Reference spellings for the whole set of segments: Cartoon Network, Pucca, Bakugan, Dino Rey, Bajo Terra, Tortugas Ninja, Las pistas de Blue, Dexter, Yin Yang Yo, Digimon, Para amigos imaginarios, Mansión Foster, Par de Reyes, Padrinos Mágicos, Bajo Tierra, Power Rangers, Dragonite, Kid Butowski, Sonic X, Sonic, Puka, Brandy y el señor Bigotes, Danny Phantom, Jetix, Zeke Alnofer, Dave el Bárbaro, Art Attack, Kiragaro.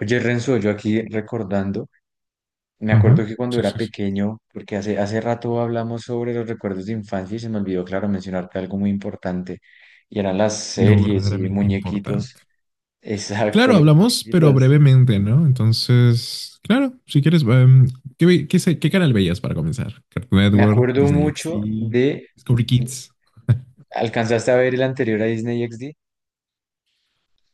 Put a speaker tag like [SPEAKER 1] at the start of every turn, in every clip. [SPEAKER 1] Oye, Renzo, yo aquí recordando, me
[SPEAKER 2] Ajá.
[SPEAKER 1] acuerdo que cuando
[SPEAKER 2] Sí,
[SPEAKER 1] era
[SPEAKER 2] sí, sí.
[SPEAKER 1] pequeño, porque hace rato hablamos sobre los recuerdos de infancia y se me olvidó, claro, mencionarte algo muy importante, y eran las
[SPEAKER 2] Lo
[SPEAKER 1] series y
[SPEAKER 2] verdaderamente
[SPEAKER 1] muñequitos.
[SPEAKER 2] importante.
[SPEAKER 1] Exacto,
[SPEAKER 2] Claro,
[SPEAKER 1] los
[SPEAKER 2] hablamos, pero
[SPEAKER 1] muñequitos.
[SPEAKER 2] brevemente, ¿no? Entonces, claro, si quieres, ¿qué, qué canal veías para comenzar? Cartoon
[SPEAKER 1] Me
[SPEAKER 2] Network,
[SPEAKER 1] acuerdo
[SPEAKER 2] Disney
[SPEAKER 1] mucho
[SPEAKER 2] XD,
[SPEAKER 1] de,
[SPEAKER 2] Discovery Kids
[SPEAKER 1] ¿alcanzaste a ver el anterior a Disney XD?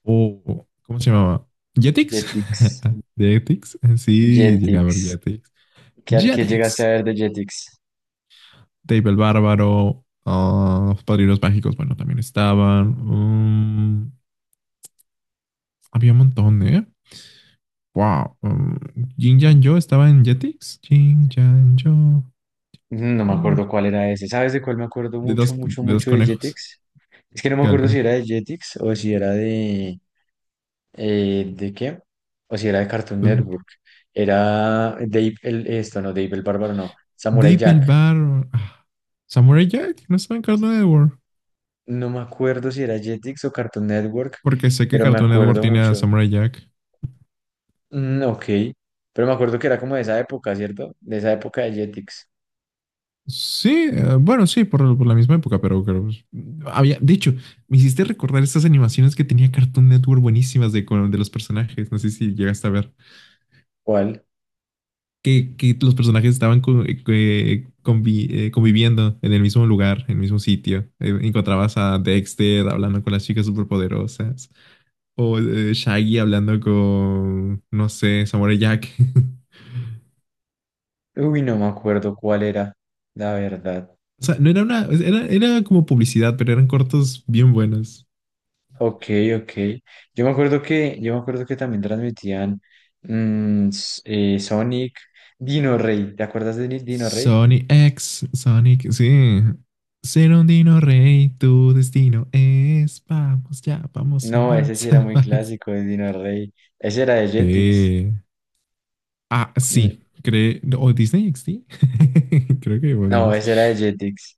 [SPEAKER 2] ¿cómo se llamaba? Jetix.
[SPEAKER 1] Jetix,
[SPEAKER 2] Jetix. Sí, llegué a ver
[SPEAKER 1] Jetix.
[SPEAKER 2] Jetix.
[SPEAKER 1] ¿Qué llegaste a
[SPEAKER 2] Jetix.
[SPEAKER 1] ver de Jetix?
[SPEAKER 2] Dave el Bárbaro. Padrinos Mágicos, bueno, también estaban. mm, había un montón, ¿eh? Wow. Yin Yang Yo estaba en Jetix. Yin Yang Yo.
[SPEAKER 1] No
[SPEAKER 2] yo,
[SPEAKER 1] me acuerdo
[SPEAKER 2] yo.
[SPEAKER 1] cuál era ese. ¿Sabes de cuál me acuerdo mucho, mucho,
[SPEAKER 2] De dos
[SPEAKER 1] mucho de
[SPEAKER 2] conejos.
[SPEAKER 1] Jetix? Es que no me
[SPEAKER 2] Que
[SPEAKER 1] acuerdo si
[SPEAKER 2] alcan-
[SPEAKER 1] era de Jetix o si era de ¿de qué? O si era de Cartoon Network. Era Dave el... Esto, no, Dave el Bárbaro, no. Samurai
[SPEAKER 2] Deep el
[SPEAKER 1] Jack.
[SPEAKER 2] bar. Ah, Samurai Jack. No estaba en Cartoon Network.
[SPEAKER 1] No me acuerdo si era Jetix o Cartoon Network,
[SPEAKER 2] Porque sé que
[SPEAKER 1] pero me
[SPEAKER 2] Cartoon Network
[SPEAKER 1] acuerdo
[SPEAKER 2] tiene a
[SPEAKER 1] mucho.
[SPEAKER 2] Samurai Jack.
[SPEAKER 1] Ok. Pero me acuerdo que era como de esa época, ¿cierto? De esa época de Jetix.
[SPEAKER 2] Sí, bueno, sí, por la misma época, pero, creo pues, había. De hecho, me hiciste recordar estas animaciones que tenía Cartoon Network buenísimas de los personajes. No sé si llegaste a ver.
[SPEAKER 1] ¿Cuál?
[SPEAKER 2] Que los personajes estaban conviviendo en el mismo lugar, en el mismo sitio. Encontrabas a Dexter hablando con las chicas superpoderosas, o Shaggy hablando con, no sé, Samurai Jack.
[SPEAKER 1] Uy, no me acuerdo cuál era, la verdad.
[SPEAKER 2] O sea, no era una, era, era como publicidad, pero eran cortos bien buenos.
[SPEAKER 1] Ok, ok. Yo me acuerdo que también transmitían Sonic, Dino Rey. ¿Te acuerdas de Dino Rey?
[SPEAKER 2] Sonic X, Sonic, sí. Ser un dino rey, tu destino es. Vamos, ya, vamos,
[SPEAKER 1] No, ese sí
[SPEAKER 2] avanza,
[SPEAKER 1] era muy
[SPEAKER 2] avanza.
[SPEAKER 1] clásico de Dino Rey. Ese era de Jetix.
[SPEAKER 2] Sí. Ah,
[SPEAKER 1] N-
[SPEAKER 2] sí, creo, o Disney XD, creo que
[SPEAKER 1] No,
[SPEAKER 2] podemos.
[SPEAKER 1] ese era de Jetix.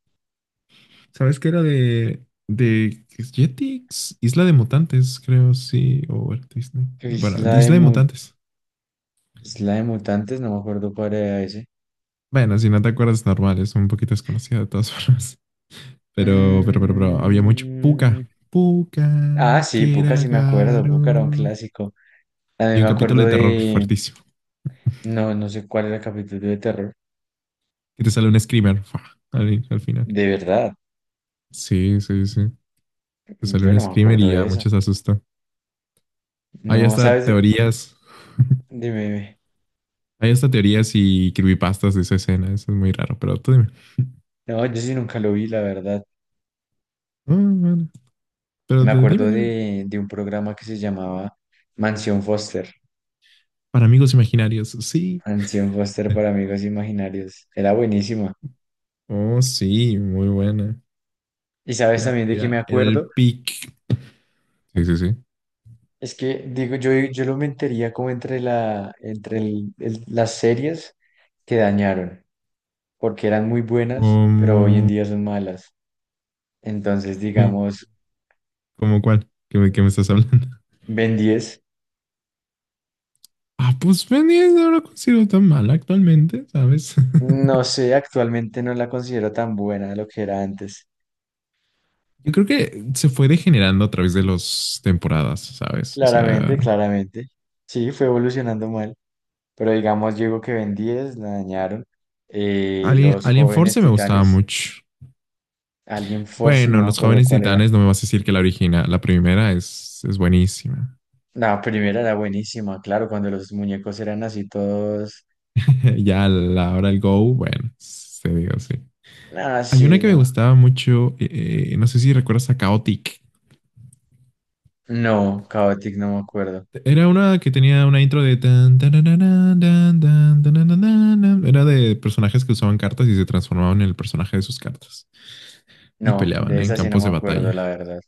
[SPEAKER 2] ¿Sabes qué era de Jetix? Isla de Mutantes, creo, sí, o era Disney. Bueno,
[SPEAKER 1] Isla de
[SPEAKER 2] Isla de
[SPEAKER 1] Mu-
[SPEAKER 2] Mutantes.
[SPEAKER 1] Isla de Mutantes, no me acuerdo cuál era ese.
[SPEAKER 2] Bueno, si no te acuerdas, normal, es un poquito desconocida de todas formas. Pero había mucho. Puka,
[SPEAKER 1] Mm, Ah,
[SPEAKER 2] Puka,
[SPEAKER 1] sí, Pucca sí me acuerdo. Pucca era un
[SPEAKER 2] Kiragaro.
[SPEAKER 1] clásico.
[SPEAKER 2] Y
[SPEAKER 1] También
[SPEAKER 2] un
[SPEAKER 1] me
[SPEAKER 2] capítulo
[SPEAKER 1] acuerdo
[SPEAKER 2] de terror
[SPEAKER 1] de.
[SPEAKER 2] fuertísimo,
[SPEAKER 1] No, no sé cuál era el capítulo de terror.
[SPEAKER 2] que te sale un screamer, fa, al final.
[SPEAKER 1] De verdad,
[SPEAKER 2] Sí, sí, sí, te sale
[SPEAKER 1] yo
[SPEAKER 2] un
[SPEAKER 1] no me
[SPEAKER 2] screamer
[SPEAKER 1] acuerdo
[SPEAKER 2] y a
[SPEAKER 1] de eso.
[SPEAKER 2] muchos asustó. Hay
[SPEAKER 1] No,
[SPEAKER 2] hasta
[SPEAKER 1] sabes,
[SPEAKER 2] teorías.
[SPEAKER 1] dime, dime.
[SPEAKER 2] Hay hasta teorías y creepypastas de esa escena. Eso es muy raro, pero tú dime.
[SPEAKER 1] No, yo sí nunca lo vi, la verdad.
[SPEAKER 2] Ah, bueno. Pero
[SPEAKER 1] Me
[SPEAKER 2] tú
[SPEAKER 1] acuerdo
[SPEAKER 2] dime, dime.
[SPEAKER 1] de un programa que se llamaba Mansión Foster.
[SPEAKER 2] Para amigos imaginarios, sí.
[SPEAKER 1] Mansión Foster para amigos imaginarios. Era buenísima.
[SPEAKER 2] Oh, sí, muy buena.
[SPEAKER 1] Y sabes
[SPEAKER 2] Era,
[SPEAKER 1] también de qué me
[SPEAKER 2] era, era
[SPEAKER 1] acuerdo.
[SPEAKER 2] el pic. Sí, sí, sí.
[SPEAKER 1] Es que, digo, yo lo metería como entre, la, entre las series que dañaron, porque eran muy buenas, pero hoy en
[SPEAKER 2] ¿Cómo,
[SPEAKER 1] día son malas. Entonces,
[SPEAKER 2] cómo,
[SPEAKER 1] digamos,
[SPEAKER 2] ¿Cómo cuál? ¿Qué me estás hablando?
[SPEAKER 1] Ben 10
[SPEAKER 2] Ah, pues Pendiente no lo considero tan mal actualmente, ¿sabes?
[SPEAKER 1] no sé, actualmente no la considero tan buena de lo que era antes.
[SPEAKER 2] Yo creo que se fue degenerando a través de las temporadas, ¿sabes? O
[SPEAKER 1] Claramente,
[SPEAKER 2] sea,
[SPEAKER 1] claramente. Sí, fue evolucionando mal, pero digamos, llegó que Ben 10 la dañaron.
[SPEAKER 2] Alien,
[SPEAKER 1] Los
[SPEAKER 2] Alien
[SPEAKER 1] jóvenes
[SPEAKER 2] Force me gustaba
[SPEAKER 1] titanes,
[SPEAKER 2] mucho.
[SPEAKER 1] Alien Force, no
[SPEAKER 2] Bueno,
[SPEAKER 1] me
[SPEAKER 2] Los
[SPEAKER 1] acuerdo
[SPEAKER 2] Jóvenes
[SPEAKER 1] cuál era.
[SPEAKER 2] Titanes, no me vas a decir que la original, la primera es buenísima.
[SPEAKER 1] La primera era buenísima, claro, cuando los muñecos eran así todos.
[SPEAKER 2] Ya a la hora del Go, bueno, se digo, sí.
[SPEAKER 1] Ah,
[SPEAKER 2] Hay una
[SPEAKER 1] sí,
[SPEAKER 2] que me
[SPEAKER 1] no.
[SPEAKER 2] gustaba mucho, no sé si recuerdas a Chaotic.
[SPEAKER 1] No, Chaotic no me acuerdo.
[SPEAKER 2] Era una que tenía una intro de tan, tarararán, dan, dan, tarararán. Era de personajes que usaban cartas y se transformaban en el personaje de sus cartas y
[SPEAKER 1] No,
[SPEAKER 2] peleaban
[SPEAKER 1] de
[SPEAKER 2] en
[SPEAKER 1] esa sí no
[SPEAKER 2] campos
[SPEAKER 1] me
[SPEAKER 2] de
[SPEAKER 1] acuerdo,
[SPEAKER 2] batalla.
[SPEAKER 1] la verdad.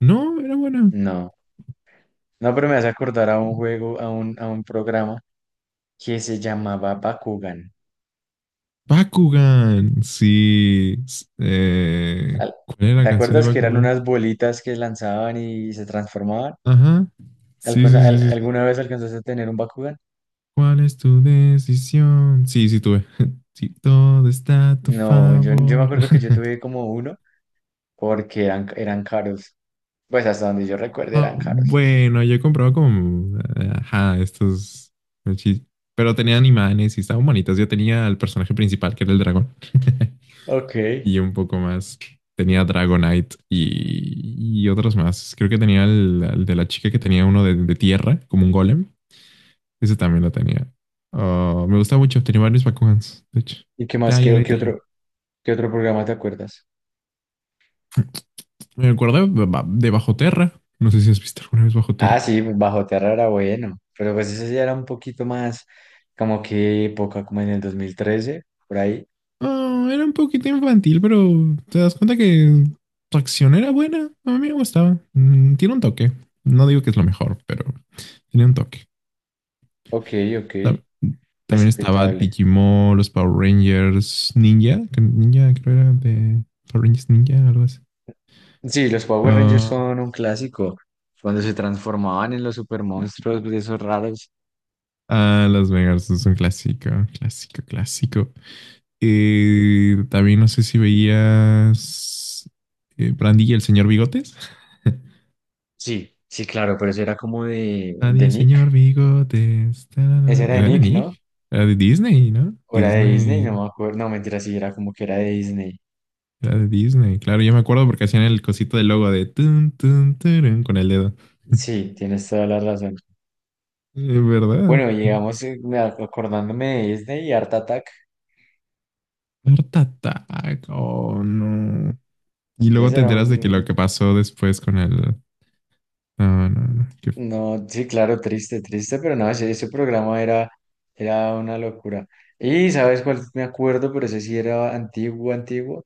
[SPEAKER 2] No, era buena.
[SPEAKER 1] No. No, pero me hace acordar a un juego, a un programa que se llamaba Bakugan.
[SPEAKER 2] Bakugan, sí.
[SPEAKER 1] Al-
[SPEAKER 2] ¿Cuál era
[SPEAKER 1] ¿Te
[SPEAKER 2] la canción de
[SPEAKER 1] acuerdas que eran
[SPEAKER 2] Bakugan?
[SPEAKER 1] unas bolitas que lanzaban y se transformaban?
[SPEAKER 2] Ajá. Sí, sí, sí, sí, sí.
[SPEAKER 1] ¿Alguna vez alcanzaste a tener un Bakugan?
[SPEAKER 2] ¿Cuál es tu decisión? Sí, sí, tuve. Sí, todo está a tu
[SPEAKER 1] No, yo me
[SPEAKER 2] favor.
[SPEAKER 1] acuerdo que yo tuve como uno porque eran caros. Pues hasta donde yo recuerde
[SPEAKER 2] Ah,
[SPEAKER 1] eran caros.
[SPEAKER 2] bueno, yo he comprado como, ajá, estos, mochi- pero tenían imanes y estaban bonitas. Yo tenía al personaje principal, que era el dragón,
[SPEAKER 1] Ok. ¿Y
[SPEAKER 2] y un poco más. Tenía Dragonite y otros más. Creo que tenía al de la chica que tenía uno de tierra, como un golem. Ese también lo tenía. Ah, me gusta mucho. Tenía varios Bakugans, de hecho.
[SPEAKER 1] qué más?
[SPEAKER 2] Ya,
[SPEAKER 1] ¿Qué, qué
[SPEAKER 2] ahorita ya. No.
[SPEAKER 1] otro, qué otro programa te acuerdas?
[SPEAKER 2] Me acuerdo de Bajo Terra. No sé si has visto alguna vez Bajo
[SPEAKER 1] Ah,
[SPEAKER 2] Terra.
[SPEAKER 1] sí, Bajo Tierra era bueno, pero pues ese ya era un poquito más como que época, como en el 2013 por ahí.
[SPEAKER 2] Ah, era un poquito infantil, pero te das cuenta que su acción era buena. A mí me gustaba. Mm, tiene un toque. No digo que es lo mejor, pero tiene un toque.
[SPEAKER 1] Ok,
[SPEAKER 2] Ta-
[SPEAKER 1] ok,
[SPEAKER 2] También estaba
[SPEAKER 1] respetable.
[SPEAKER 2] Digimon, los Power Rangers, Ninja. Que Ninja creo era de Power Rangers Ninja, algo así.
[SPEAKER 1] Sí, los Power Rangers
[SPEAKER 2] Ah,
[SPEAKER 1] son un clásico. Cuando se transformaban en los super monstruos de esos raros.
[SPEAKER 2] ah, los Megas es un clásico, clásico, clásico. También no sé si veías Brandy y el señor Bigotes.
[SPEAKER 1] Sí, sí, claro, pero eso era como de,
[SPEAKER 2] Brandy y
[SPEAKER 1] de
[SPEAKER 2] el
[SPEAKER 1] Nick.
[SPEAKER 2] señor Bigotes.
[SPEAKER 1] Ese
[SPEAKER 2] Tarara.
[SPEAKER 1] era de
[SPEAKER 2] Era de
[SPEAKER 1] Nick, ¿no?
[SPEAKER 2] Nick. Era de Disney, ¿no?
[SPEAKER 1] O era de Disney, no
[SPEAKER 2] Disney.
[SPEAKER 1] me acuerdo. No, mentira, sí, era como que era de Disney.
[SPEAKER 2] Era de Disney. Claro, yo me acuerdo porque hacían el cosito del logo de tun, tun, turun con el dedo.
[SPEAKER 1] Sí, tienes toda la razón.
[SPEAKER 2] Es verdad.
[SPEAKER 1] Bueno, llegamos acordándome de Disney y Art Attack.
[SPEAKER 2] Art Attack. Oh, no. Y luego
[SPEAKER 1] Ese
[SPEAKER 2] te
[SPEAKER 1] era
[SPEAKER 2] enteras de que lo
[SPEAKER 1] un.
[SPEAKER 2] que pasó después con el. No, no, no. Qué
[SPEAKER 1] No, sí, claro, triste, triste, pero no, ese programa era, era una locura. Y, ¿sabes cuál me acuerdo? Pero ese sí era antiguo, antiguo.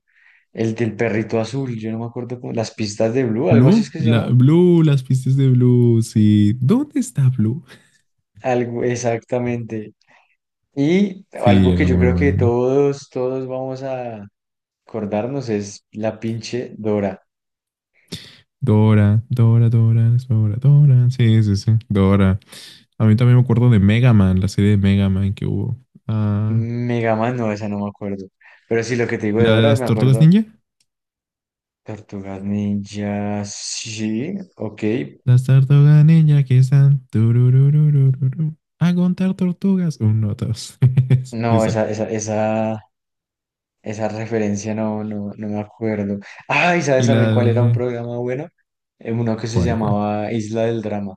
[SPEAKER 1] El del perrito azul, yo no me acuerdo cómo. Las pistas de Blue, algo así es
[SPEAKER 2] Blue,
[SPEAKER 1] que se
[SPEAKER 2] la,
[SPEAKER 1] llamó.
[SPEAKER 2] Blue, las pistas de Blue, sí. ¿Dónde está Blue?
[SPEAKER 1] Algo, exactamente. Y
[SPEAKER 2] Sí,
[SPEAKER 1] algo que
[SPEAKER 2] era
[SPEAKER 1] yo
[SPEAKER 2] muy
[SPEAKER 1] creo que
[SPEAKER 2] buena.
[SPEAKER 1] todos vamos a acordarnos es la pinche Dora.
[SPEAKER 2] Dora, Dora, Dora, Dora, Dora. Sí, sí, sí. Dora. A mí también me acuerdo de Mega Man, la serie de Mega Man que hubo. Ah,
[SPEAKER 1] Mega Man, no, esa no me acuerdo. Pero sí, lo que te digo
[SPEAKER 2] ¿y
[SPEAKER 1] de
[SPEAKER 2] la de
[SPEAKER 1] Dora,
[SPEAKER 2] las
[SPEAKER 1] me
[SPEAKER 2] tortugas
[SPEAKER 1] acuerdo.
[SPEAKER 2] ninja?
[SPEAKER 1] Tortugas Ninja, sí, ok.
[SPEAKER 2] Las tortugas ninja que están. Tururururururu, a contar tortugas. Uno, dos, tres.
[SPEAKER 1] No,
[SPEAKER 2] Esa.
[SPEAKER 1] esa referencia no, no me acuerdo. Ay, ¿sabes
[SPEAKER 2] Y
[SPEAKER 1] también
[SPEAKER 2] la
[SPEAKER 1] cuál era un
[SPEAKER 2] de.
[SPEAKER 1] programa bueno? Uno que se
[SPEAKER 2] ¿Cuál, cuál?
[SPEAKER 1] llamaba Isla del Drama.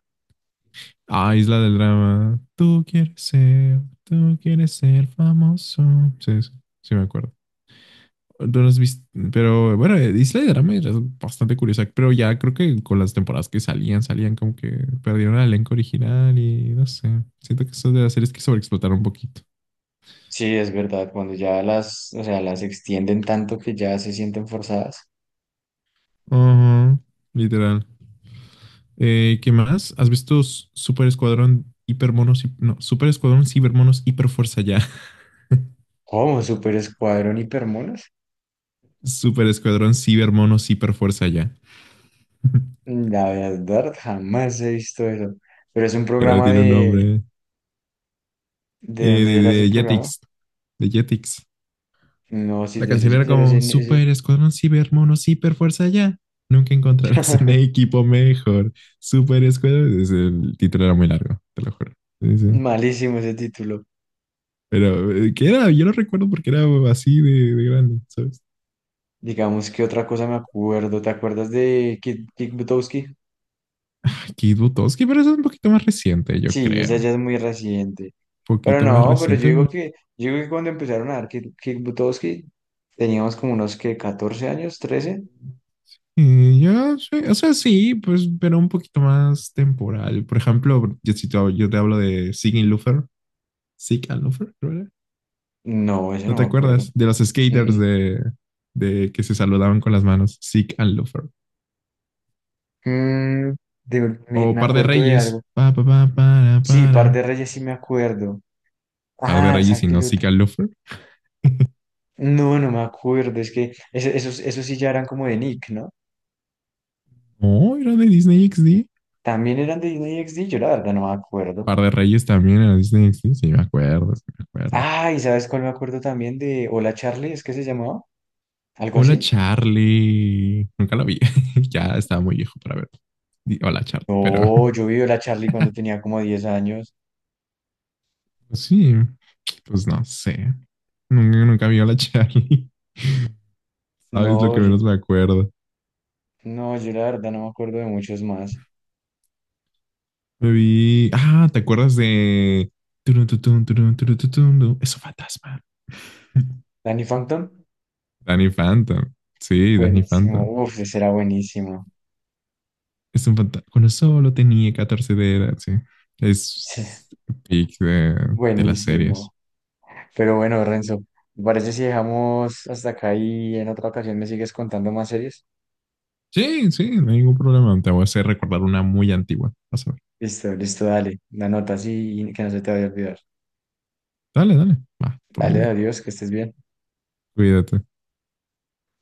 [SPEAKER 2] Ah, Isla del Drama. Tú quieres ser famoso. Sí, sí, sí me acuerdo. No las viste, pero bueno, Isla del Drama era bastante curiosa, pero ya creo que con las temporadas salían como que perdieron el elenco original y no sé. Siento que eso de las series que sobreexplotaron un poquito.
[SPEAKER 1] Sí, es verdad, cuando ya las, o sea, las extienden tanto que ya se sienten forzadas.
[SPEAKER 2] Ajá, literal. ¿Qué más? ¿Super Escuadrón Hipermonos? No, Super Escuadrón Cibermonos Hiperfuerza Ya.
[SPEAKER 1] ¿Cómo? ¿Super Escuadrón Hipermonos?
[SPEAKER 2] Super Escuadrón Cibermonos Hiperfuerza Ya.
[SPEAKER 1] La verdad, jamás he visto eso. Pero es un
[SPEAKER 2] Pero
[SPEAKER 1] programa
[SPEAKER 2] tiene un
[SPEAKER 1] de...
[SPEAKER 2] nombre.
[SPEAKER 1] ¿De dónde era ese
[SPEAKER 2] De
[SPEAKER 1] programa?
[SPEAKER 2] Jetix. De Jetix.
[SPEAKER 1] No, si
[SPEAKER 2] La
[SPEAKER 1] te soy
[SPEAKER 2] canción era
[SPEAKER 1] sincero, ese,
[SPEAKER 2] como
[SPEAKER 1] ese-
[SPEAKER 2] Super Escuadrón Ciber Mono Ciber Fuerza ya. Nunca encontrarás un equipo mejor. Super Escuadrón. El título era muy largo, te lo juro. Sí, sí.
[SPEAKER 1] Malísimo ese título.
[SPEAKER 2] Pero, ¿qué era? Yo lo recuerdo porque era así de grande, ¿sabes?
[SPEAKER 1] Digamos que otra cosa me acuerdo. ¿Te acuerdas de Kick Butowski?
[SPEAKER 2] Ay, Kid Butowski, pero eso es un poquito más reciente, yo
[SPEAKER 1] Sí, esa
[SPEAKER 2] creo.
[SPEAKER 1] ya
[SPEAKER 2] Un
[SPEAKER 1] es muy reciente. Pero
[SPEAKER 2] poquito más
[SPEAKER 1] no, pero yo
[SPEAKER 2] reciente,
[SPEAKER 1] digo
[SPEAKER 2] pero.
[SPEAKER 1] que, yo digo que cuando empezaron a dar kick Butowski, teníamos como unos que 14 años, trece.
[SPEAKER 2] Ya, sí, o sea, sí, pues, pero un poquito más temporal. Por ejemplo, yo, si te, hab- yo te hablo de Sigin Luther, Zeke Alnofer, creo era.
[SPEAKER 1] No, eso
[SPEAKER 2] ¿No
[SPEAKER 1] no
[SPEAKER 2] te
[SPEAKER 1] me acuerdo.
[SPEAKER 2] acuerdas? De los
[SPEAKER 1] Mm,
[SPEAKER 2] skaters
[SPEAKER 1] mm.
[SPEAKER 2] de que se saludaban con las manos. Zeke Alnofer.
[SPEAKER 1] Mm,
[SPEAKER 2] O
[SPEAKER 1] me
[SPEAKER 2] Par de
[SPEAKER 1] acuerdo de algo.
[SPEAKER 2] Reyes. Pa, pa, pa, para,
[SPEAKER 1] Sí,
[SPEAKER 2] para.
[SPEAKER 1] Par de Reyes sí me acuerdo.
[SPEAKER 2] Par de
[SPEAKER 1] Ah,
[SPEAKER 2] Reyes y
[SPEAKER 1] Zack y
[SPEAKER 2] no Zeke Alnofer.
[SPEAKER 1] no, no me acuerdo. Es que esos sí ya eran como de Nick, ¿no?
[SPEAKER 2] No, era de Disney XD.
[SPEAKER 1] También eran de Disney XD, yo la verdad no me acuerdo.
[SPEAKER 2] Par de Reyes también era de Disney XD. Sí, me acuerdo, sí, me acuerdo.
[SPEAKER 1] Ah, ¿y sabes cuál me acuerdo también de Hola Charlie? ¿Es que se llamaba? ¿Algo
[SPEAKER 2] Hola,
[SPEAKER 1] así?
[SPEAKER 2] Charlie. Nunca lo vi. Ya estaba muy viejo para verlo. Hola, Charlie. Pero
[SPEAKER 1] No, yo vi Hola Charlie cuando tenía como 10 años.
[SPEAKER 2] sí, pues no sé. Nunca, nunca vi Hola, Charlie. ¿Sabes lo
[SPEAKER 1] No,
[SPEAKER 2] que
[SPEAKER 1] oye,
[SPEAKER 2] menos me acuerdo?
[SPEAKER 1] no, yo la verdad no me acuerdo de muchos más.
[SPEAKER 2] Me vi. Ah, ¿te acuerdas de. Turun, tutun, turun, turun, tutun, tu? Es un fantasma.
[SPEAKER 1] Danny Phantom,
[SPEAKER 2] Danny Phantom. Sí, Danny Phantom.
[SPEAKER 1] buenísimo, uf, ese era buenísimo,
[SPEAKER 2] Es un fantasma. Cuando solo tenía 14 de edad, sí.
[SPEAKER 1] sí,
[SPEAKER 2] Es pick de las series.
[SPEAKER 1] buenísimo. Pero bueno, Renzo, ¿te parece si dejamos hasta acá y en otra ocasión me sigues contando más series?
[SPEAKER 2] Sí, sí, no hay ningún problema. Te voy a hacer recordar una muy antigua. Vas a ver.
[SPEAKER 1] Listo, listo, dale, la nota así que no se te vaya a olvidar.
[SPEAKER 2] Dale, dale. Va, por mi
[SPEAKER 1] Dale,
[SPEAKER 2] bien.
[SPEAKER 1] adiós, que estés bien.
[SPEAKER 2] Cuídate.